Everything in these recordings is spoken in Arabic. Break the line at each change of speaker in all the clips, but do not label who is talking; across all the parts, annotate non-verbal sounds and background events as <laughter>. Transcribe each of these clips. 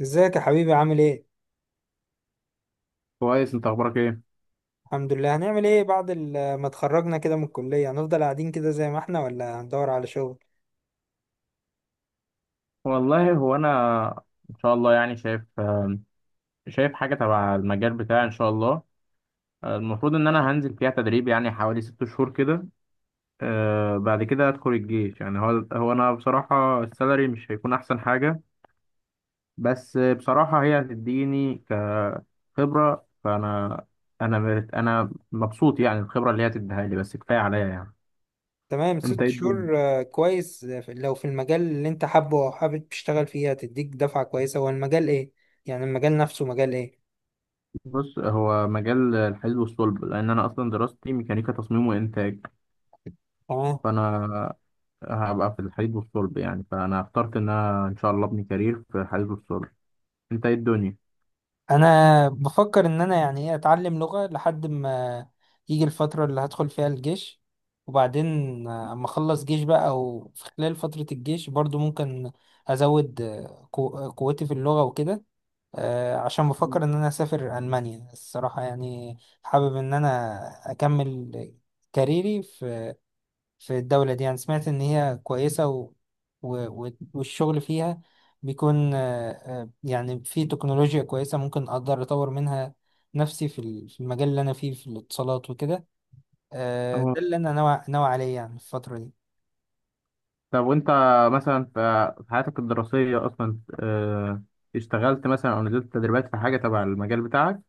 ازيك يا حبيبي، عامل ايه؟
كويس، انت اخبارك ايه؟
الحمد لله. هنعمل ايه بعد ما اتخرجنا كده من الكلية؟ هنفضل قاعدين كده زي ما احنا، ولا هندور على شغل؟
والله هو انا ان شاء الله يعني شايف حاجه تبع المجال بتاعي ان شاء الله. المفروض ان انا هنزل فيها تدريب يعني حوالي 6 شهور كده. بعد كده ادخل الجيش، يعني هو انا بصراحه السالري مش هيكون احسن حاجه. بس بصراحه هي هتديني كخبره، فانا انا مت- انا مبسوط يعني الخبره اللي هي هتديها لي بس كفايه عليا يعني.
تمام،
انت
ست
ايه الدنيا؟
شهور، كويس. لو في المجال اللي انت حابه او حابب تشتغل فيه، هتديك دفعة كويسة. هو المجال ايه؟ يعني المجال نفسه مجال ايه؟
بص، هو مجال الحديد والصلب، لان انا اصلا دراستي ميكانيكا تصميم وانتاج.
تمام.
فانا هبقى في الحديد والصلب، يعني فانا اخترت ان انا ان شاء الله ابني كارير في الحديد والصلب. انت ايه الدنيا؟
انا بفكر ان انا يعني ايه، اتعلم لغة لحد ما يجي الفترة اللي هدخل فيها الجيش، وبعدين اما اخلص جيش بقى، او في خلال فترة الجيش برضو ممكن ازود قوتي في اللغة وكده. عشان بفكر
مم.
ان انا اسافر المانيا الصراحه، يعني حابب ان انا اكمل كاريري في الدوله دي. يعني سمعت ان هي كويسه و... والشغل فيها بيكون يعني في تكنولوجيا كويسه، ممكن اقدر اطور منها نفسي في في المجال اللي انا فيه، في الاتصالات وكده. ده
اه،
اللي انا ناوي ناوي عليه، يعني في الفتره دي.
طب وانت مثلا في حياتك الدراسية اصلا، اشتغلت مثلا او نزلت تدريبات في حاجة تبع المجال بتاعك؟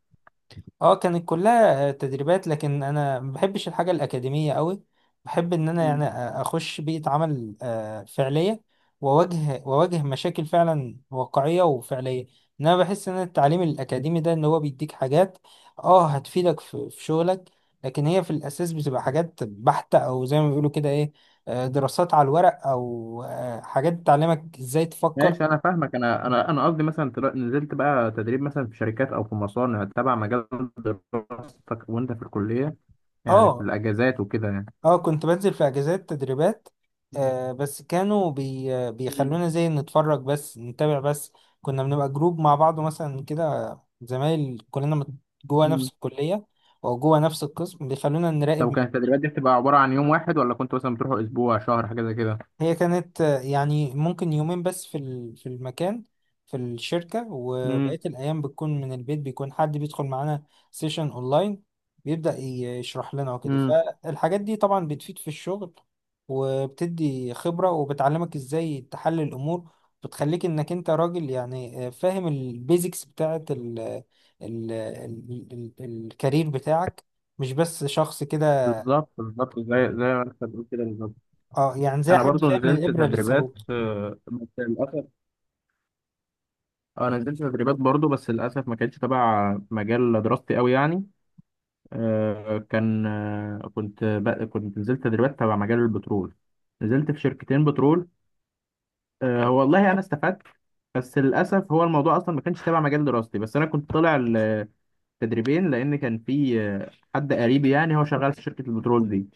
اه، كانت كلها تدريبات، لكن انا ما بحبش الحاجه الاكاديميه قوي. بحب ان انا
مم.
يعني اخش بيئه عمل فعليه، واواجه واواجه مشاكل فعلا واقعيه وفعليه. انا بحس ان التعليم الاكاديمي ده ان هو بيديك حاجات، اه، هتفيدك في شغلك، لكن هي في الاساس بتبقى حاجات بحته، او زي ما بيقولوا كده ايه، دراسات على الورق، او حاجات تعلمك ازاي تفكر.
ماشي، انا فاهمك. انا قصدي مثلا نزلت بقى تدريب مثلا في شركات او في مصانع تبع مجال دراستك وانت في الكلية، يعني في
اه.
الاجازات وكده يعني.
اه، كنت بنزل في اجازات تدريبات، آه بس كانوا بي آه، بيخلونا زي نتفرج بس، نتابع بس. كنا بنبقى جروب مع بعض مثلا كده، زمايل كلنا جوه نفس
مم.
الكلية، او جوه نفس القسم، بيخلونا
طب،
نراقب.
وكانت التدريبات دي بتبقى عبارة عن يوم واحد، ولا كنت مثلا بتروحوا أسبوع شهر حاجة زي كده؟
هي كانت يعني ممكن يومين بس في في المكان، في الشركة،
امم
وبقية الأيام بتكون من البيت، بيكون حد بيدخل معانا سيشن أونلاين، بيبدأ يشرح لنا وكده.
امم
فالحاجات دي طبعا بتفيد في الشغل، وبتدي خبرة، وبتعلمك إزاي تحلل الأمور، بتخليك إنك أنت راجل يعني فاهم البيزكس بتاعة ال ال ال ال الكارير بتاعك، مش بس شخص كده.
بالظبط بالظبط، زي ما انت بتقول كده بالظبط.
اه، يعني زي
انا
حد
برضو
فاهم من
نزلت
الإبرة
تدريبات
للثروة.
بس للاسف انا نزلت تدريبات برضو بس للاسف ما كانتش تبع مجال دراستي قوي يعني. آه، كان آه، كنت ب- كنت نزلت تدريبات تبع مجال البترول، نزلت في شركتين بترول. هو والله انا استفدت، بس للاسف هو الموضوع اصلا ما كانش تبع مجال دراستي. بس انا كنت طالع تدريبين لان كان في حد قريبي يعني هو شغال في شركه البترول دي.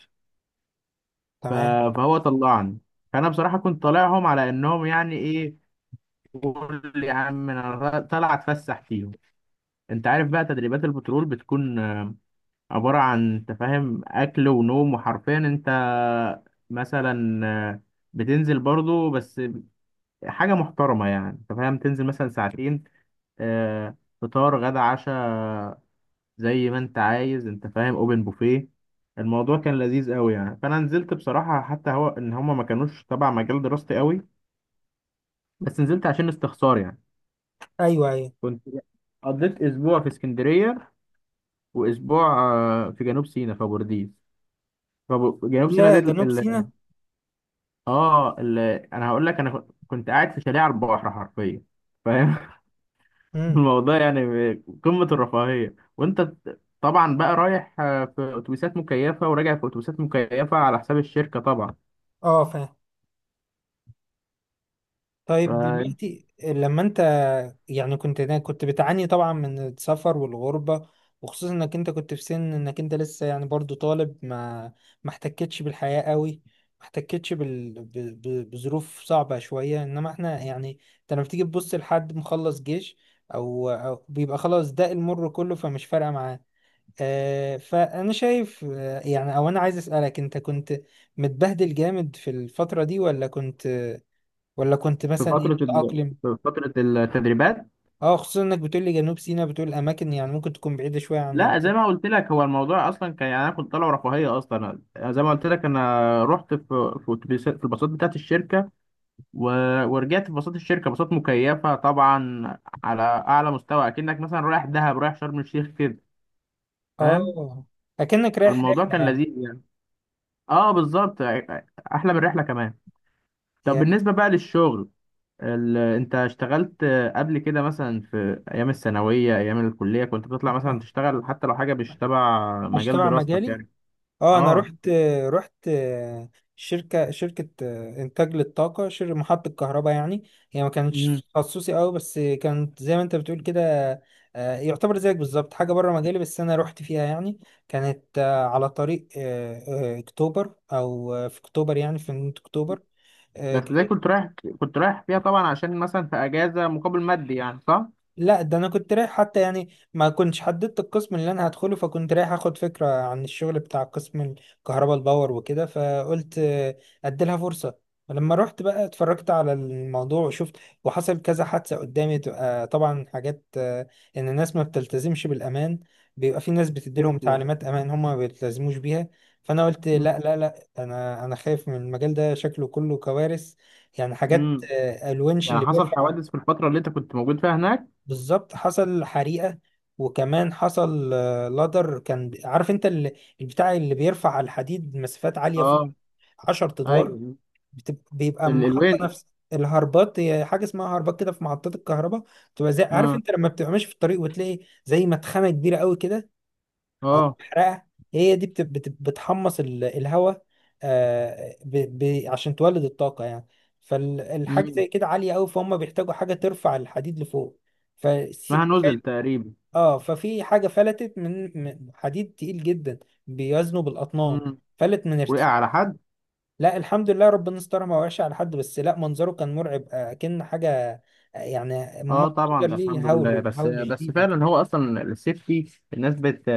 ف-
تمام.
فهو طلعني. فانا بصراحه كنت طالعهم على انهم يعني ايه، قول يا عم انا طالع اتفسح فيهم. انت عارف بقى تدريبات البترول بتكون عباره عن، انت فاهم، اكل ونوم، وحرفيا انت مثلا بتنزل برضو بس حاجه محترمه، يعني انت فاهم تنزل مثلا ساعتين، فطار غدا عشاء زي ما انت عايز، انت فاهم، اوبن بوفيه. الموضوع كان لذيذ قوي يعني، فانا نزلت بصراحه حتى هو ان هما ما كانوش تبع مجال دراستي قوي، بس نزلت عشان استخسار يعني.
أيوه، أيوه.
كنت قضيت اسبوع في اسكندريه، واسبوع في جنوب سيناء في بورديس. فجنوب سيناء
يا
دي
جنوب سيناء.
اه ال... انا هقول لك، انا كنت قاعد في شاليه على البحر حرفيا، فاهم. <laughs>
امم.
الموضوع يعني قمه الرفاهيه. وانت طبعا بقى رايح في اتوبيسات مكيفه، وراجع في اتوبيسات مكيفه، على حساب الشركه طبعا.
اه، فاهم. طيب،
فانت
دلوقتي لما انت يعني كنت بتعاني طبعا من السفر والغربة، وخصوصا انك انت كنت في سن انك انت لسه، يعني برضو طالب، ما احتكتش بالحياة قوي، ما احتكتش بظروف صعبة شوية. انما احنا يعني انت لما بتيجي تبص لحد مخلص جيش أو بيبقى خلاص، ده المر كله فمش فارقة معاه. فأنا شايف يعني، أو أنا عايز أسألك، أنت كنت متبهدل جامد في الفترة دي، ولا كنت،
في
مثلا إيه،
فترة ال...
متأقلم؟
في فترة التدريبات،
أه، خصوصا إنك بتقول لي جنوب سيناء، بتقول أماكن يعني ممكن تكون بعيدة شوية عن
لا زي ما قلت لك، هو الموضوع اصلا كان يعني انا كنت طالع رفاهية اصلا. زي ما قلت لك، انا رحت في الباصات بتاعت الشركة، و... ورجعت في باصات الشركة، باصات مكيفة طبعا، على اعلى مستوى، اكنك مثلا رايح دهب، رايح شرم الشيخ كده، فاهم.
أه. أكنك رايح
الموضوع
رحلة
كان
يعني.
لذيذ يعني، اه بالظبط، احلى من الرحلة كمان. طب
هي
بالنسبة بقى للشغل، انت اشتغلت قبل كده مثلا في ايام الثانويه، ايام الكليه، كنت بتطلع مثلا تشتغل حتى لو حاجه مش تبع
مش
مجال
تبع
دراستك
مجالي.
يعني؟
اه، انا
اه.
رحت شركه انتاج للطاقه، شركه محطه كهرباء يعني. هي ما
مم.
كانتش تخصصي قوي، بس كانت زي ما انت بتقول كده، يعتبر زيك بالظبط حاجه بره مجالي، بس انا رحت فيها يعني. كانت على طريق اكتوبر، او في اكتوبر، يعني في نهاية اكتوبر.
بس ده كنت رايح فيها طبعا عشان مثلا في اجازه، مقابل مادي يعني، صح؟
لا، ده انا كنت رايح حتى، يعني ما كنتش حددت القسم اللي انا هدخله، فكنت رايح اخد فكرة عن الشغل بتاع قسم الكهرباء الباور وكده، فقلت اديلها فرصة. ولما رحت بقى اتفرجت على الموضوع وشفت، وحصل كذا حادثة قدامي، تبقى طبعا حاجات ان الناس ما بتلتزمش بالامان، بيبقى في ناس بتديلهم
نفسي.
تعليمات امان، هم ما بيلتزموش بيها. فانا قلت
مم.
لا لا لا، انا خايف من المجال ده، شكله كله كوارث. يعني حاجات
مم.
الونش
يعني
اللي
حصل
بيرفع.
حوادث في الفتره اللي انت كنت موجود فيها هناك؟
بالظبط، حصل حريقة، وكمان حصل لادر، كان عارف انت البتاع اللي بيرفع على الحديد مسافات عالية فوق،
اه.
10 ادوار.
ايوه.
بيبقى
ال...
محطة
الوينش
نفس الهربات، هي حاجة اسمها هربات كده في محطات الكهرباء. بتبقى زي، عارف
اه.
انت لما بتبقى ماشي في الطريق وتلاقي زي مدخنة كبيرة قوي كده، او
اه.
محرقة. هي دي بتحمص الهواء عشان تولد الطاقة يعني. فالحاجة
مم.
زي كده عالية قوي، فهم بيحتاجوا حاجة ترفع الحديد لفوق. ف،
اسمها نزل تقريبا.
اه، ففي حاجة فلتت من حديد تقيل جدا، بيوزنه بالأطنان،
مم.
فلت من
وقع
ارتفاع.
على حد؟
لا، الحمد لله، ربنا استرها، ما وقعش على حد، بس لا منظره كان مرعب كأن حاجة يعني منظر
اه طبعا، ده الحمد
ليه
لله،
هول
بس
هول
بس
شديد.
فعلا هو اصلا السيفتي، الناس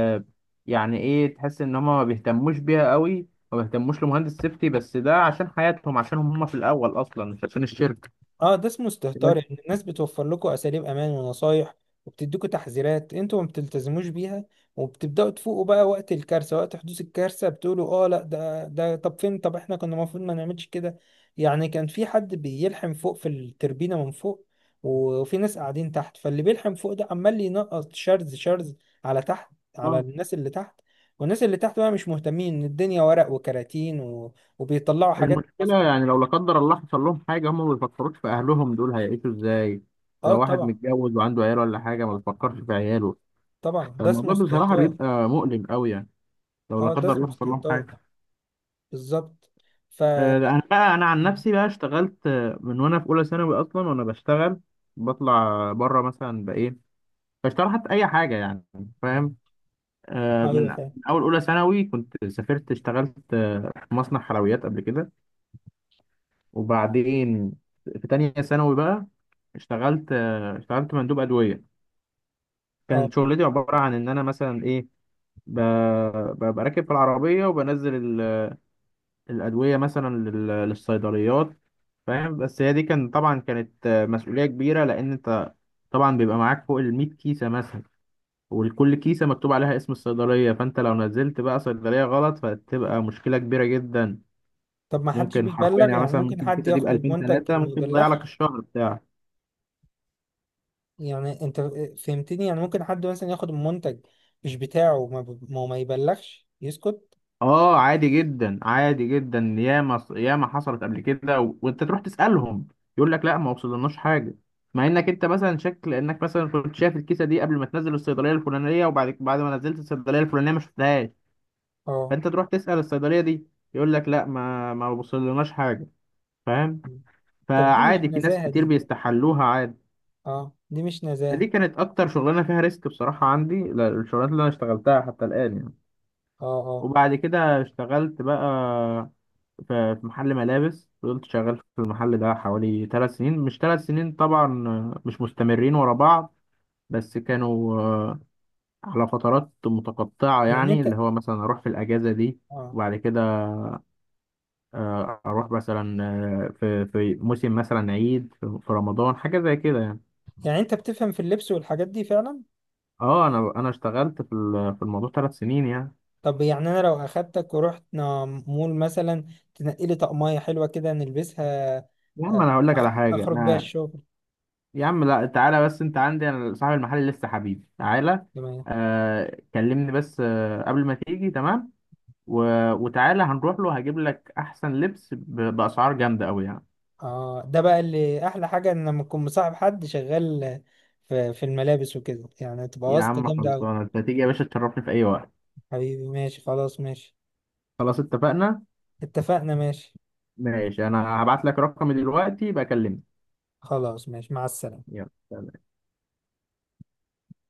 يعني ايه، تحس ان هم ما بيهتموش بيها قوي، ما بيهتموش لمهندس سيفتي، بس ده عشان حياتهم، عشان هم في الاول اصلا، مش عشان الشركه
اه، ده اسمه استهتار.
بس.
يعني الناس بتوفر لكم اساليب امان ونصايح، وبتديكوا تحذيرات، انتوا ما بتلتزموش بيها، وبتبداوا تفوقوا بقى وقت الكارثه، وقت حدوث الكارثه بتقولوا اه، لا، ده طب فين، طب احنا كنا المفروض ما نعملش كده. يعني كان في حد بيلحم فوق في التربينه من فوق، وفي ناس قاعدين تحت، فاللي بيلحم فوق ده عمال ينقط شرز شرز على تحت، على
آه،
الناس اللي تحت، والناس اللي تحت بقى مش مهتمين، ان الدنيا ورق وكراتين وبيطلعوا حاجات
المشكله يعني، لو لا قدر الله حصل لهم حاجه، هم ما بيفكروش في اهلهم دول هيعيشوا ازاي.
اه،
لو واحد
طبعا.
متجوز وعنده عيال ولا حاجه، ما بيفكرش في عياله.
طبعا، ده اسمه
الموضوع بصراحه
استهتار.
بيبقى مؤلم قوي يعني، لو
اه،
لا قدر
دسمة
الله حصل لهم
استهتار،
حاجه.
بالظبط. ف.
انا بقى، انا عن نفسي بقى اشتغلت من وانا في اولى ثانوي، اصلا وانا بشتغل، بطلع بره مثلا بايه، بشتغل حتى اي حاجه يعني، فاهم. من
ايوه،
من
فاهم.
اول اولى ثانوي كنت سافرت اشتغلت في مصنع حلويات قبل كده. وبعدين في تانية ثانوي بقى اشتغلت مندوب ادويه.
اه،
كانت شغلتي عباره عن ان انا مثلا ايه، ببقى راكب في العربيه وبنزل الأدوية مثلا للصيدليات، فاهم. بس هي دي كان طبعا كانت مسؤولية كبيرة، لأن أنت طبعا بيبقى معاك فوق الـ100 كيسة مثلا، وكل كيسة مكتوب عليها اسم الصيدلية، فأنت لو نزلت بقى صيدلية غلط فتبقى مشكلة كبيرة جدا.
طب ما حدش
ممكن حرفيا
بيبلغ؟
يعني،
يعني
مثلا
ممكن
ممكن
حد
الكيسة دي
ياخد
بألفين
المنتج
تلاتة
وما
ممكن تضيع لك
يبلغش.
الشهر بتاعك.
يعني انت فهمتني، يعني ممكن حد مثلا ياخد المنتج مش بتاعه وما ب- ما, ما يبلغش، يسكت.
اه، عادي جدا عادي جدا، ياما ياما حصلت قبل كده، وانت تروح تسالهم، يقول لك لا، ما وصلناش حاجه. مع انك انت مثلا شكل انك مثلا كنت شايف الكيسه دي قبل ما تنزل الصيدليه الفلانيه، وبعد ما نزلت الصيدليه الفلانيه ما شفتهاش،
اه،
فانت تروح تسال الصيدليه دي، يقول لك لا، ما وصلناش حاجه، فاهم.
طب دي مش
فعادي، في ناس
نزاهة
كتير
دي.
بيستحلوها عادي.
اه، دي مش
دي
نزاهة.
كانت اكتر شغلانه فيها ريسك بصراحه عندي، لا، الشغلانات اللي انا اشتغلتها حتى الان يعني.
اه، اه،
وبعد كده اشتغلت بقى في محل ملابس، فضلت شغال في المحل ده حوالي 3 سنين، مش 3 سنين طبعا مش مستمرين ورا بعض، بس كانوا على فترات متقطعة
يعني
يعني،
انت
اللي هو مثلا أروح في الأجازة دي،
اه
وبعد كده أروح مثلا في موسم، مثلا عيد، في رمضان، حاجة زي كده يعني.
يعني انت بتفهم في اللبس والحاجات دي فعلا.
اه، انا اشتغلت في الموضوع 3 سنين يعني.
طب، يعني انا لو اخدتك ورحنا مول مثلا، تنقي لي طقمية حلوة كده نلبسها،
يا عم، انا هقول لك على حاجه.
اخرج بيها
انا،
الشغل.
يا عم، لا تعالى بس انت عندي، انا صاحب المحل، لسه حبيبي، تعالى.
تمام.
كلمني بس قبل ما تيجي تمام، و... وتعالى هنروح له، هجيب لك احسن لبس باسعار جامده قوي يعني.
اه، ده بقى اللي احلى حاجة، ان لما اكون مصاحب حد شغال في الملابس وكده، يعني تبقى
يا
واسطة
عم
جامدة اوي.
خلصانه، انت تيجي يا باشا تشرفني في اي وقت.
حبيبي، ماشي، خلاص، ماشي.
خلاص اتفقنا.
اتفقنا، ماشي.
ماشي، انا هبعت لك رقمي دلوقتي بكلمني.
خلاص، ماشي، مع السلامة.
يلا سلام.